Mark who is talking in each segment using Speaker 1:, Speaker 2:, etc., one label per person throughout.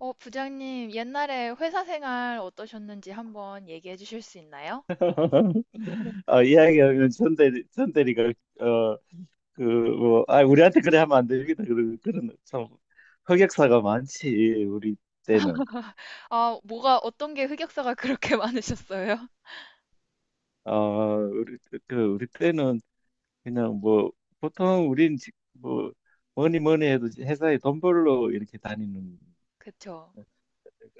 Speaker 1: 부장님, 옛날에 회사 생활 어떠셨는지 한번 얘기해 주실 수 있나요? 네.
Speaker 2: 이야기하면 전대리가 어, 그, 뭐, 우리한테 그래 하면 안 되겠다. 그런, 참, 흑역사가 많지, 우리 때는.
Speaker 1: 뭐가, 어떤 게 흑역사가 그렇게 많으셨어요?
Speaker 2: 그, 우리 때는 그냥 뭐, 보통 뭐, 뭐니 뭐니 해도 회사에 돈 벌러 이렇게 다니는,
Speaker 1: 그쵸.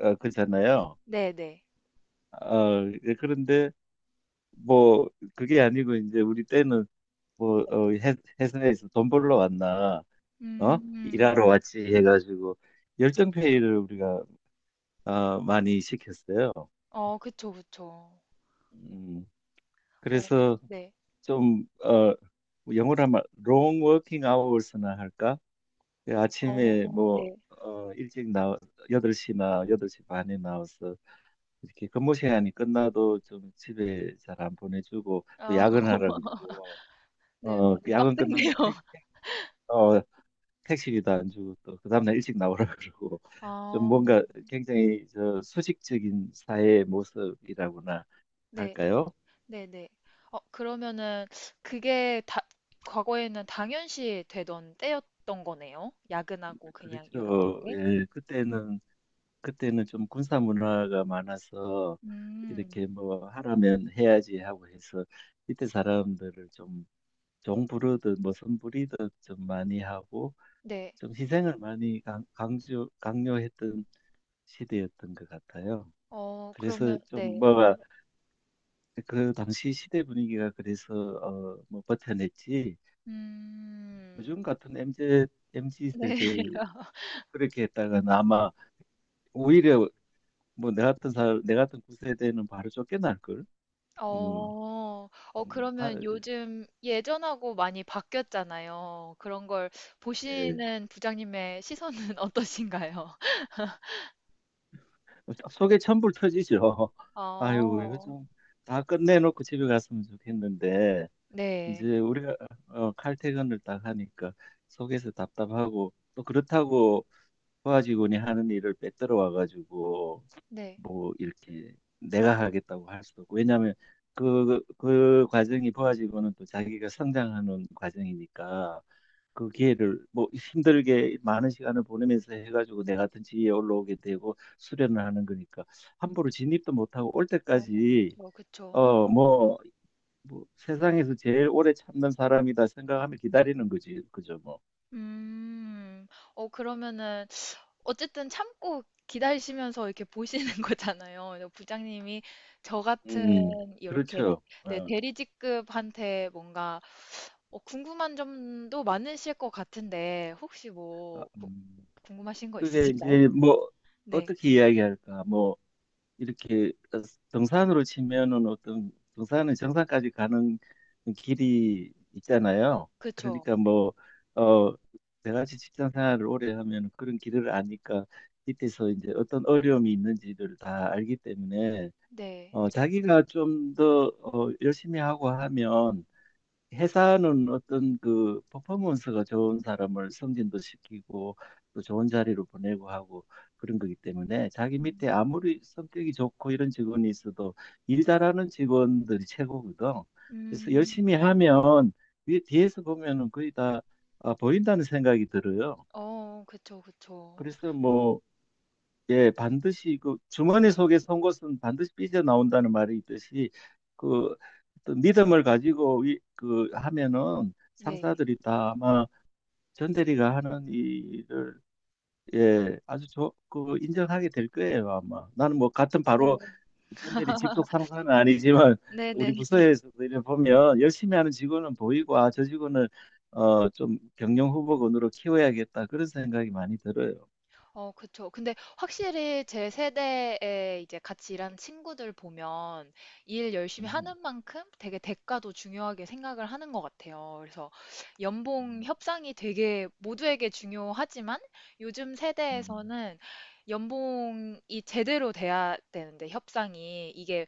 Speaker 2: 거잖아요.
Speaker 1: 네네.
Speaker 2: 예, 그런데 뭐, 그게 아니고 이제 우리 때는 뭐, 회사에서 돈 벌러 왔나. 어?
Speaker 1: 음.
Speaker 2: 일하러 왔지 해가지고 열정페이를 우리가 많이 시켰어요.
Speaker 1: 어, 그쵸, 그쵸.
Speaker 2: 음,
Speaker 1: 어,
Speaker 2: 그래서
Speaker 1: 네.
Speaker 2: 좀 영어로 하면 long working hours나 할까? 그
Speaker 1: 어,
Speaker 2: 아침에 뭐
Speaker 1: 네.
Speaker 2: 일찍 나 8시나 8시 반에 나와서 이렇게 근무 시간이 끝나도 좀 집에 잘 안 보내주고 또
Speaker 1: 아,
Speaker 2: 야근하라 그러고.
Speaker 1: 네, 많이
Speaker 2: 야근
Speaker 1: 빡셌네요.
Speaker 2: 끝나면 어, 택시비도 안 주고 또 그 다음날 일찍 나오라 그러고, 좀
Speaker 1: 아,
Speaker 2: 뭔가 굉장히 저 수직적인 사회의 모습이라고나
Speaker 1: 네,
Speaker 2: 할까요?
Speaker 1: 네네. 어, 그러면은, 그게 다, 과거에는 당연시 되던 때였던 거네요? 야근하고 그냥 이랬던
Speaker 2: 그렇죠.
Speaker 1: 게?
Speaker 2: 예, 그때는 좀 군사 문화가 많아서
Speaker 1: 음,
Speaker 2: 이렇게 뭐 하라면 해야지 하고 해서 이때 사람들을 좀 종부르듯 뭐 선부리듯 좀 많이 하고,
Speaker 1: 네.
Speaker 2: 좀 희생을 많이 강조 강요했던 시대였던 것 같아요.
Speaker 1: 어,
Speaker 2: 그래서
Speaker 1: 그러면,
Speaker 2: 좀
Speaker 1: 네.
Speaker 2: 뭐가, 그 당시 시대 분위기가 그래서 뭐 버텨냈지.
Speaker 1: 음,
Speaker 2: 요즘 같은 MZ
Speaker 1: 네.
Speaker 2: 세대 그렇게 했다가는 아마 오히려 뭐 내 같은 구세대는 바로 쫓겨날 걸. 음.
Speaker 1: 어. 어,
Speaker 2: 음.
Speaker 1: 그러면 요즘 예전하고 많이 바뀌었잖아요. 그런 걸
Speaker 2: 예.
Speaker 1: 보시는 부장님의 시선은 어떠신가요?
Speaker 2: 속에 천불 터지죠. 아유, 이거
Speaker 1: 어,
Speaker 2: 좀 다 끝내놓고 집에 갔으면 좋겠는데
Speaker 1: 네.
Speaker 2: 이제 우리가 칼퇴근을 딱 하니까 속에서 답답하고, 또 그렇다고 도와주곤이 하는 일을 빼들어 와가지고
Speaker 1: 네.
Speaker 2: 뭐 이렇게 내가 하겠다고 할 수도 없고. 왜냐하면 그 과정이 보아지고는 또 자기가 성장하는 과정이니까, 그 기회를 뭐 힘들게 많은 시간을 보내면서 해가지고 내 같은 지위에 올라오게 되고 수련을 하는 거니까 함부로 진입도 못하고. 올
Speaker 1: 어,
Speaker 2: 때까지
Speaker 1: 그쵸, 그쵸.
Speaker 2: 어 뭐 뭐 세상에서 제일 오래 참는 사람이다 생각하며 기다리는 거지. 그죠, 뭐.
Speaker 1: 음. 어, 그러면은, 어쨌든 참고 기다리시면서 이렇게 보시는 거잖아요. 그래서 부장님이 저 같은,
Speaker 2: 음.
Speaker 1: 이렇게,
Speaker 2: 그렇죠.
Speaker 1: 네, 대리직급한테 뭔가 궁금한 점도 많으실 것 같은데, 혹시
Speaker 2: 아, 음.
Speaker 1: 궁금하신 거
Speaker 2: 그게
Speaker 1: 있으실까요?
Speaker 2: 이제 뭐,
Speaker 1: 네,
Speaker 2: 어떻게 이야기할까? 뭐 이렇게 등산으로 치면은 어떤 등산은 정상까지 가는 길이 있잖아요.
Speaker 1: 그쵸.
Speaker 2: 그러니까 뭐, 어, 내같이 직장 생활을 오래 하면 그런 길을 아니까 밑에서 이제 어떤 어려움이 있는지를 다 알기 때문에
Speaker 1: 네.
Speaker 2: 자기가 좀 더 열심히 하고 하면 회사는 어떤 그 퍼포먼스가 좋은 사람을 승진도 시키고 또 좋은 자리로 보내고 하고, 그런 거기 때문에 자기 밑에
Speaker 1: 음,
Speaker 2: 아무리 성격이 좋고 이런 직원이 있어도 일 잘하는 직원들이 최고거든. 그래서 열심히
Speaker 1: 음.
Speaker 2: 하면 위에 뒤에서 보면은 거의 다 아, 보인다는 생각이 들어요.
Speaker 1: 어, 그쵸, 그쵸.
Speaker 2: 그래서 뭐, 예, 반드시, 그 주머니 속에 선 것은 반드시 삐져 나온다는 말이 있듯이 그 어떤 믿음을 가지고 그 하면은
Speaker 1: 네,
Speaker 2: 상사들이 다 아마 전 대리가 하는 일을, 예, 아주 그 인정하게 될 거예요, 아마. 나는 뭐 같은 바로
Speaker 1: 네,
Speaker 2: 전 대리 직속 상사는 아니지만 우리
Speaker 1: 네네.
Speaker 2: 부서에서 보면 열심히 하는 직원은 보이고, 아, 저 직원을 좀 경영 후보군으로 키워야겠다, 그런 생각이 많이 들어요.
Speaker 1: 어, 그쵸. 근데 확실히 제 세대에 이제 같이 일하는 친구들 보면 일 열심히
Speaker 2: 음.
Speaker 1: 하는 만큼 되게 대가도 중요하게 생각을 하는 것 같아요. 그래서 연봉
Speaker 2: 음.
Speaker 1: 협상이 되게 모두에게 중요하지만 요즘
Speaker 2: 음.
Speaker 1: 세대에서는 연봉이 제대로 돼야 되는데 협상이 이게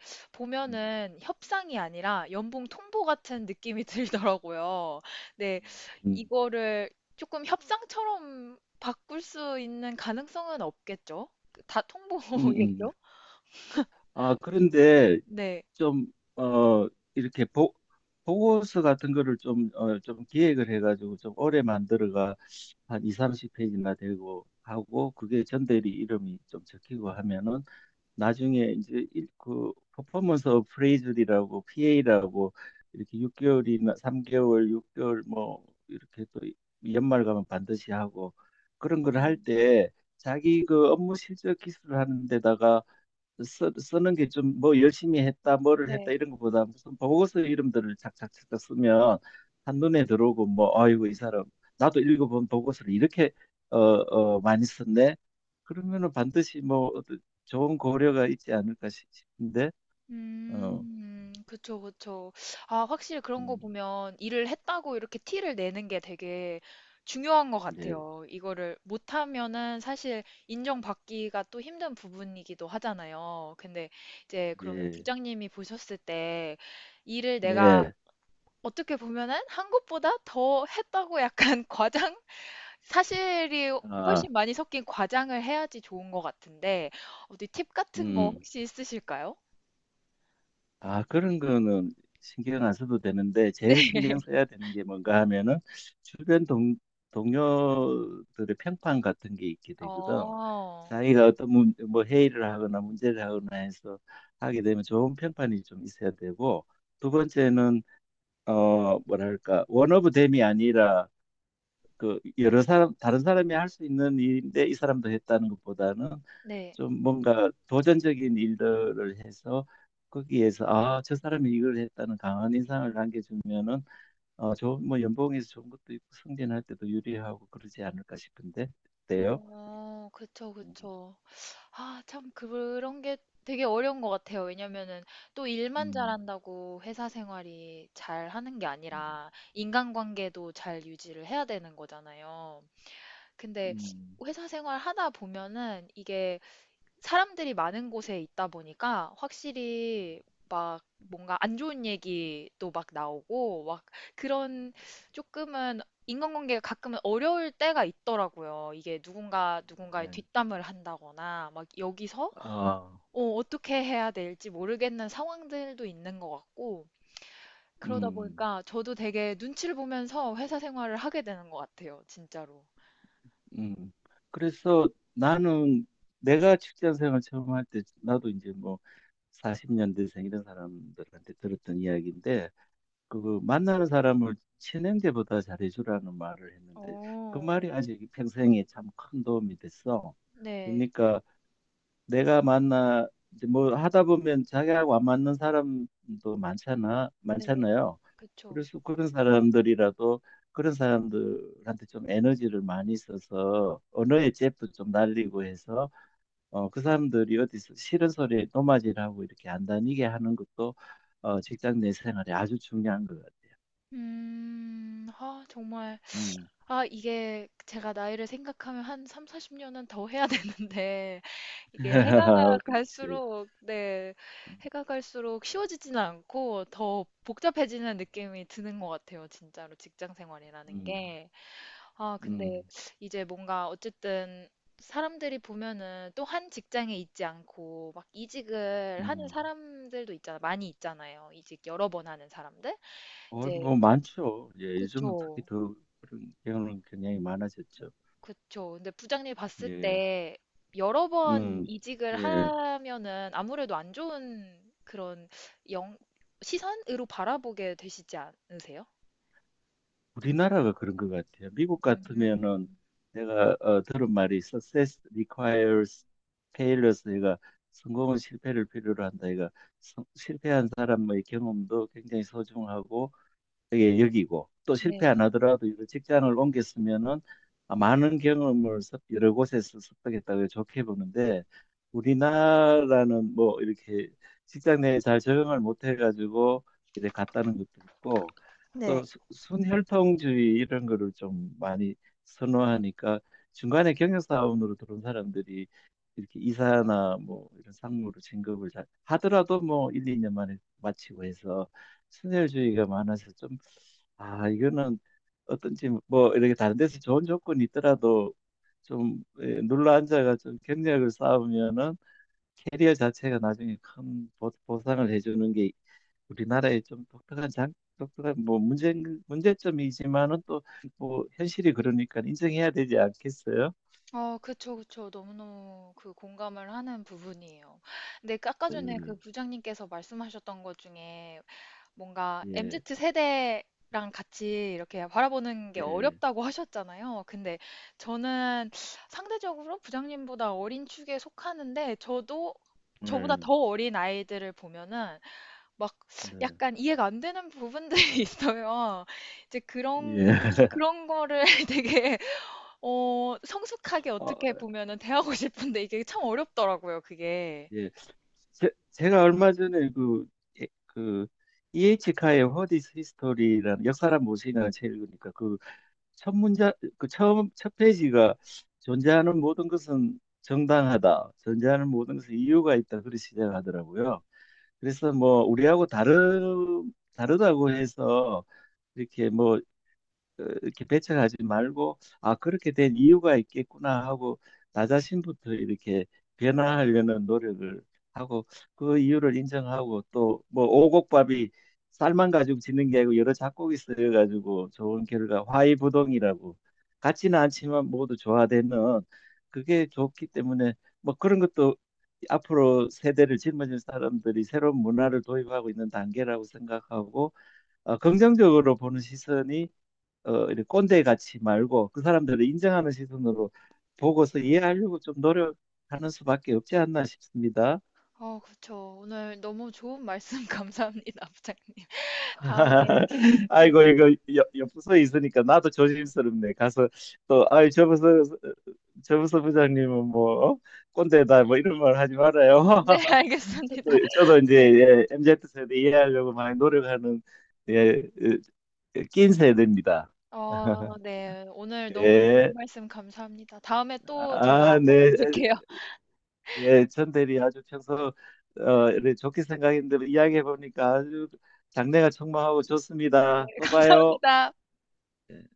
Speaker 2: 음.
Speaker 1: 보면은 협상이 아니라 연봉 통보 같은 느낌이 들더라고요. 네,
Speaker 2: 음.
Speaker 1: 이거를 조금 협상처럼 바꿀 수 있는 가능성은 없겠죠? 그 다
Speaker 2: 음. 음.
Speaker 1: 통보겠죠?
Speaker 2: 아, 그런데
Speaker 1: 네.
Speaker 2: 좀, 어, 이렇게 보고서 같은 거를 좀, 좀 기획을 해가지고 좀 오래 만들어가 한 2, 30페이지나 되고 하고 그게 전대리 이름이 좀 적히고 하면은 나중에 이제 그, 퍼포먼스 오브 프레이즈리라고, PA라고, 이렇게 6개월이나 3개월, 6개월 뭐 이렇게 또 연말 가면 반드시 하고 그런 걸 할
Speaker 1: 음,
Speaker 2: 때 자기 그 업무 실적 기술을 하는 데다가 쓰는 게, 좀 뭐 열심히 했다, 뭐를 했다
Speaker 1: 네.
Speaker 2: 이런 것보다 무슨 보고서 이름들을 착착착착 쓰면 한눈에 들어오고 뭐 아이고 이 사람 나도 읽어본 보고서를 이렇게 많이 썼네. 그러면은 반드시 뭐 어떤 좋은 고려가 있지 않을까 싶은데. 어,
Speaker 1: 그쵸, 그쵸. 아, 확실히 그런 거
Speaker 2: 음.
Speaker 1: 보면 일을 했다고 이렇게 티를 내는 게 되게 중요한 것
Speaker 2: 예.
Speaker 1: 같아요. 이거를 못하면은 사실 인정받기가 또 힘든 부분이기도 하잖아요. 근데 이제 그러면
Speaker 2: 예.
Speaker 1: 부장님이 보셨을 때 일을 내가
Speaker 2: 네.
Speaker 1: 어떻게 보면은 한 것보다 더 했다고 약간 과장? 사실이
Speaker 2: 아,
Speaker 1: 훨씬 많이 섞인 과장을 해야지 좋은 것 같은데 어디 팁 같은 거
Speaker 2: 음.
Speaker 1: 혹시 있으실까요?
Speaker 2: 아, 그런 거는 신경 안 써도 되는데,
Speaker 1: 네.
Speaker 2: 제일 신경 써야 되는 게 뭔가 하면은, 주변 동료들의 평판 같은 게 있게 되거든.
Speaker 1: 어.
Speaker 2: 자기가 어떤 뭐, 회의를 하거나 문제를 하거나 해서 하게 되면 좋은 평판이 좀 있어야 되고, 두 번째는, 뭐랄까, 원오브 댐이 아니라, 그 여러 사람, 다른 사람이 할 수 있는 일인데 이 사람도 했다는 것보다는
Speaker 1: 네.
Speaker 2: 좀 뭔가 도전적인 일들을 해서 거기에서 아, 저 사람이 이걸 했다는 강한 인상을 남겨주면은 좋은 뭐, 연봉에서 좋은 것도 있고 승진할 때도 유리하고 그러지 않을까 싶은데, 어때요?
Speaker 1: 어. 그쵸,
Speaker 2: 음.
Speaker 1: 그쵸. 아 참 그런 게 되게 어려운 것 같아요. 왜냐면은 또 일만
Speaker 2: 음.
Speaker 1: 잘한다고 회사 생활이 잘하는 게
Speaker 2: 음.
Speaker 1: 아니라 인간관계도 잘 유지를 해야 되는 거잖아요. 근데
Speaker 2: 음.
Speaker 1: 회사 생활 하다 보면은 이게 사람들이 많은 곳에 있다 보니까 확실히 막 뭔가 안 좋은 얘기도 막 나오고 막 그런 조금은 인간관계가 가끔은 어려울 때가 있더라고요. 이게 누군가의
Speaker 2: 예.
Speaker 1: 뒷담을 한다거나 막 여기서
Speaker 2: 아.
Speaker 1: 어, 떻게 해야 될지 모르겠는 상황들도 있는 것 같고 그러다
Speaker 2: 음.
Speaker 1: 보니까 저도 되게 눈치를 보면서 회사 생활을 하게 되는 것 같아요. 진짜로.
Speaker 2: 음. 그래서 나는, 내가 직장 생활 처음 할 때 나도 이제 뭐 40년대생 이런 사람들한테 들었던 이야기인데, 그 만나는 사람을 친형제보다 잘해주라는 말을 했는데 그
Speaker 1: 어,
Speaker 2: 말이 아직 평생에 참 큰 도움이 됐어.
Speaker 1: 네,
Speaker 2: 그러니까 내가 만나, 이제 뭐 하다 보면 자기하고 안 맞는 사람도
Speaker 1: 네,
Speaker 2: 많잖아요.
Speaker 1: 그쵸.
Speaker 2: 그래서 그런 사람들이라도 그런 사람들한테 좀 에너지를 많이 써서 언어의 잽도 좀 날리고 해서 그 사람들이 어디서 싫은 소리에 노마질하고 이렇게 안 다니게 하는 것도 직장 내 생활에 아주 중요한 것 같아요.
Speaker 1: 아, 정말.
Speaker 2: 음.
Speaker 1: 아, 이게 제가 나이를 생각하면 한 3, 40년은 더 해야 되는데, 이게 해가
Speaker 2: 그렇지.
Speaker 1: 갈수록, 네, 해가 갈수록 쉬워지지는 않고 더 복잡해지는 느낌이 드는 것 같아요, 진짜로. 직장 생활이라는
Speaker 2: 음.
Speaker 1: 게. 아, 근데
Speaker 2: 음.
Speaker 1: 이제 뭔가 어쨌든 사람들이 보면은 또 한 직장에 있지 않고 막 이직을 하는
Speaker 2: 음.
Speaker 1: 사람들도 있잖아, 많이 있잖아요. 이직 여러 번 하는 사람들? 이제,
Speaker 2: 뭐 많죠. 예, 요즘은 특히
Speaker 1: 그쵸.
Speaker 2: 더 그런 경우는 굉장히 많아졌죠.
Speaker 1: 그쵸. 근데 부장님이 봤을
Speaker 2: 예.
Speaker 1: 때 여러 번
Speaker 2: 음.
Speaker 1: 이직을
Speaker 2: 예.
Speaker 1: 하면은 아무래도 안 좋은 그런 영, 시선으로 바라보게 되시지 않으세요?
Speaker 2: 우리나라가 그런 것 같아요. 미국 같으면은
Speaker 1: 음.
Speaker 2: 내가 들은 말이 success requires failures. 얘가, 성공은 실패를 필요로 한다. 얘가, 실패한 사람의 경험도 굉장히 소중하고, 예, 여기고 또 실패
Speaker 1: 네.
Speaker 2: 안 하더라도 이런 직장을 옮겼으면은 아, 많은 경험을 여러 곳에서 습득했다고 좋게 보는데, 우리나라는 뭐 이렇게 직장 내에 잘 적응을 못 해가지고 이제 갔다는 것도 있고 또 순혈통주의 이런 거를 좀 많이 선호하니까 중간에 경영사원으로 들어온 사람들이 이렇게 이사나 뭐 이런 상무로 진급을 잘 하더라도 뭐 1, 2년 만에 마치고 해서 친절주의가 많아서, 좀, 아, 이거는 어떤지 뭐 이렇게 다른 데서 좋은 조건이 있더라도 좀, 예, 눌러 앉아가 좀 경력을 쌓으면은 캐리어 자체가 나중에 큰 보상을 해주는 게 우리나라의 좀 독특한 독특한 뭐 문제점이지만은, 또 뭐 현실이 그러니까 인정해야 되지 않겠어요?
Speaker 1: 어, 그쵸, 그쵸. 너무너무 그 공감을 하는 부분이에요. 근데 아까 전에 그
Speaker 2: 음.
Speaker 1: 부장님께서 말씀하셨던 것 중에 뭔가 MZ
Speaker 2: 예.
Speaker 1: 세대랑 같이 이렇게 바라보는 게
Speaker 2: 예.
Speaker 1: 어렵다고 하셨잖아요. 근데 저는 상대적으로 부장님보다 어린 축에 속하는데 저도 저보다
Speaker 2: 네,
Speaker 1: 더 어린 아이들을 보면은 막
Speaker 2: 네.
Speaker 1: 약간 이해가 안 되는 부분들이 있어요. 이제
Speaker 2: 예.
Speaker 1: 그런 그런 거를 되게 어 성숙하게
Speaker 2: 어,
Speaker 1: 어떻게 보면은 대하고 싶은데 이게 참 어렵더라고요, 그게.
Speaker 2: 예. 제가 얼마 전에 예, 그, EH카의 What is History라는 역사란 무엇이냐는 책을 읽으니까 그 첫 문자, 그 처음, 첫 페이지가 존재하는 모든 것은 정당하다, 존재하는 모든 것은 이유가 있다, 그렇게 시작하더라고요. 그래서 뭐, 우리하고 다르다고 해서 이렇게 뭐, 이렇게 배척하지 말고, 아, 그렇게 된 이유가 있겠구나 하고 나 자신부터 이렇게 변화하려는 노력을 하고 그 이유를 인정하고, 또 뭐 오곡밥이 쌀만 가지고 짓는 게 아니고 여러 작곡이 쓰여가지고 좋은 결과 화이부동이라고 같지는 않지만 모두 조화되는, 그게 좋기 때문에 뭐 그런 것도 앞으로 세대를 짊어질 사람들이 새로운 문화를 도입하고 있는 단계라고 생각하고 긍정적으로 보는 시선이, 이렇게 꼰대 같이 말고 그 사람들을 인정하는 시선으로 보고서 이해하려고 좀 노력하는 수밖에 없지 않나 싶습니다.
Speaker 1: 어, 그쵸. 오늘 너무 좋은 말씀 감사합니다, 부장님. 다음에 네.
Speaker 2: 아이고, 이거 옆 부서에 있으니까 나도 조심스럽네. 가서 또, 아이, 저 부서 부장님은 뭐 어? 꼰대다 뭐 이런 말 하지 말아요.
Speaker 1: 네, 알겠습니다.
Speaker 2: 저도 이제,
Speaker 1: 네.
Speaker 2: 예, MZ 세대 이해하려고 많이 노력하는, 예, 예, 낀 세대입니다.
Speaker 1: 어, 네. 오늘 너무 좋은
Speaker 2: 예.
Speaker 1: 말씀 감사합니다. 다음에 또 제가
Speaker 2: 아, 네.
Speaker 1: 찾아뵐게요.
Speaker 2: 예, 전 대리 아주 평소 이렇게 좋게 생각했는데 이야기해 보니까 아주 장래가 촉망하고
Speaker 1: 네,
Speaker 2: 좋습니다. 또 봐요.
Speaker 1: 감사합니다.
Speaker 2: 예.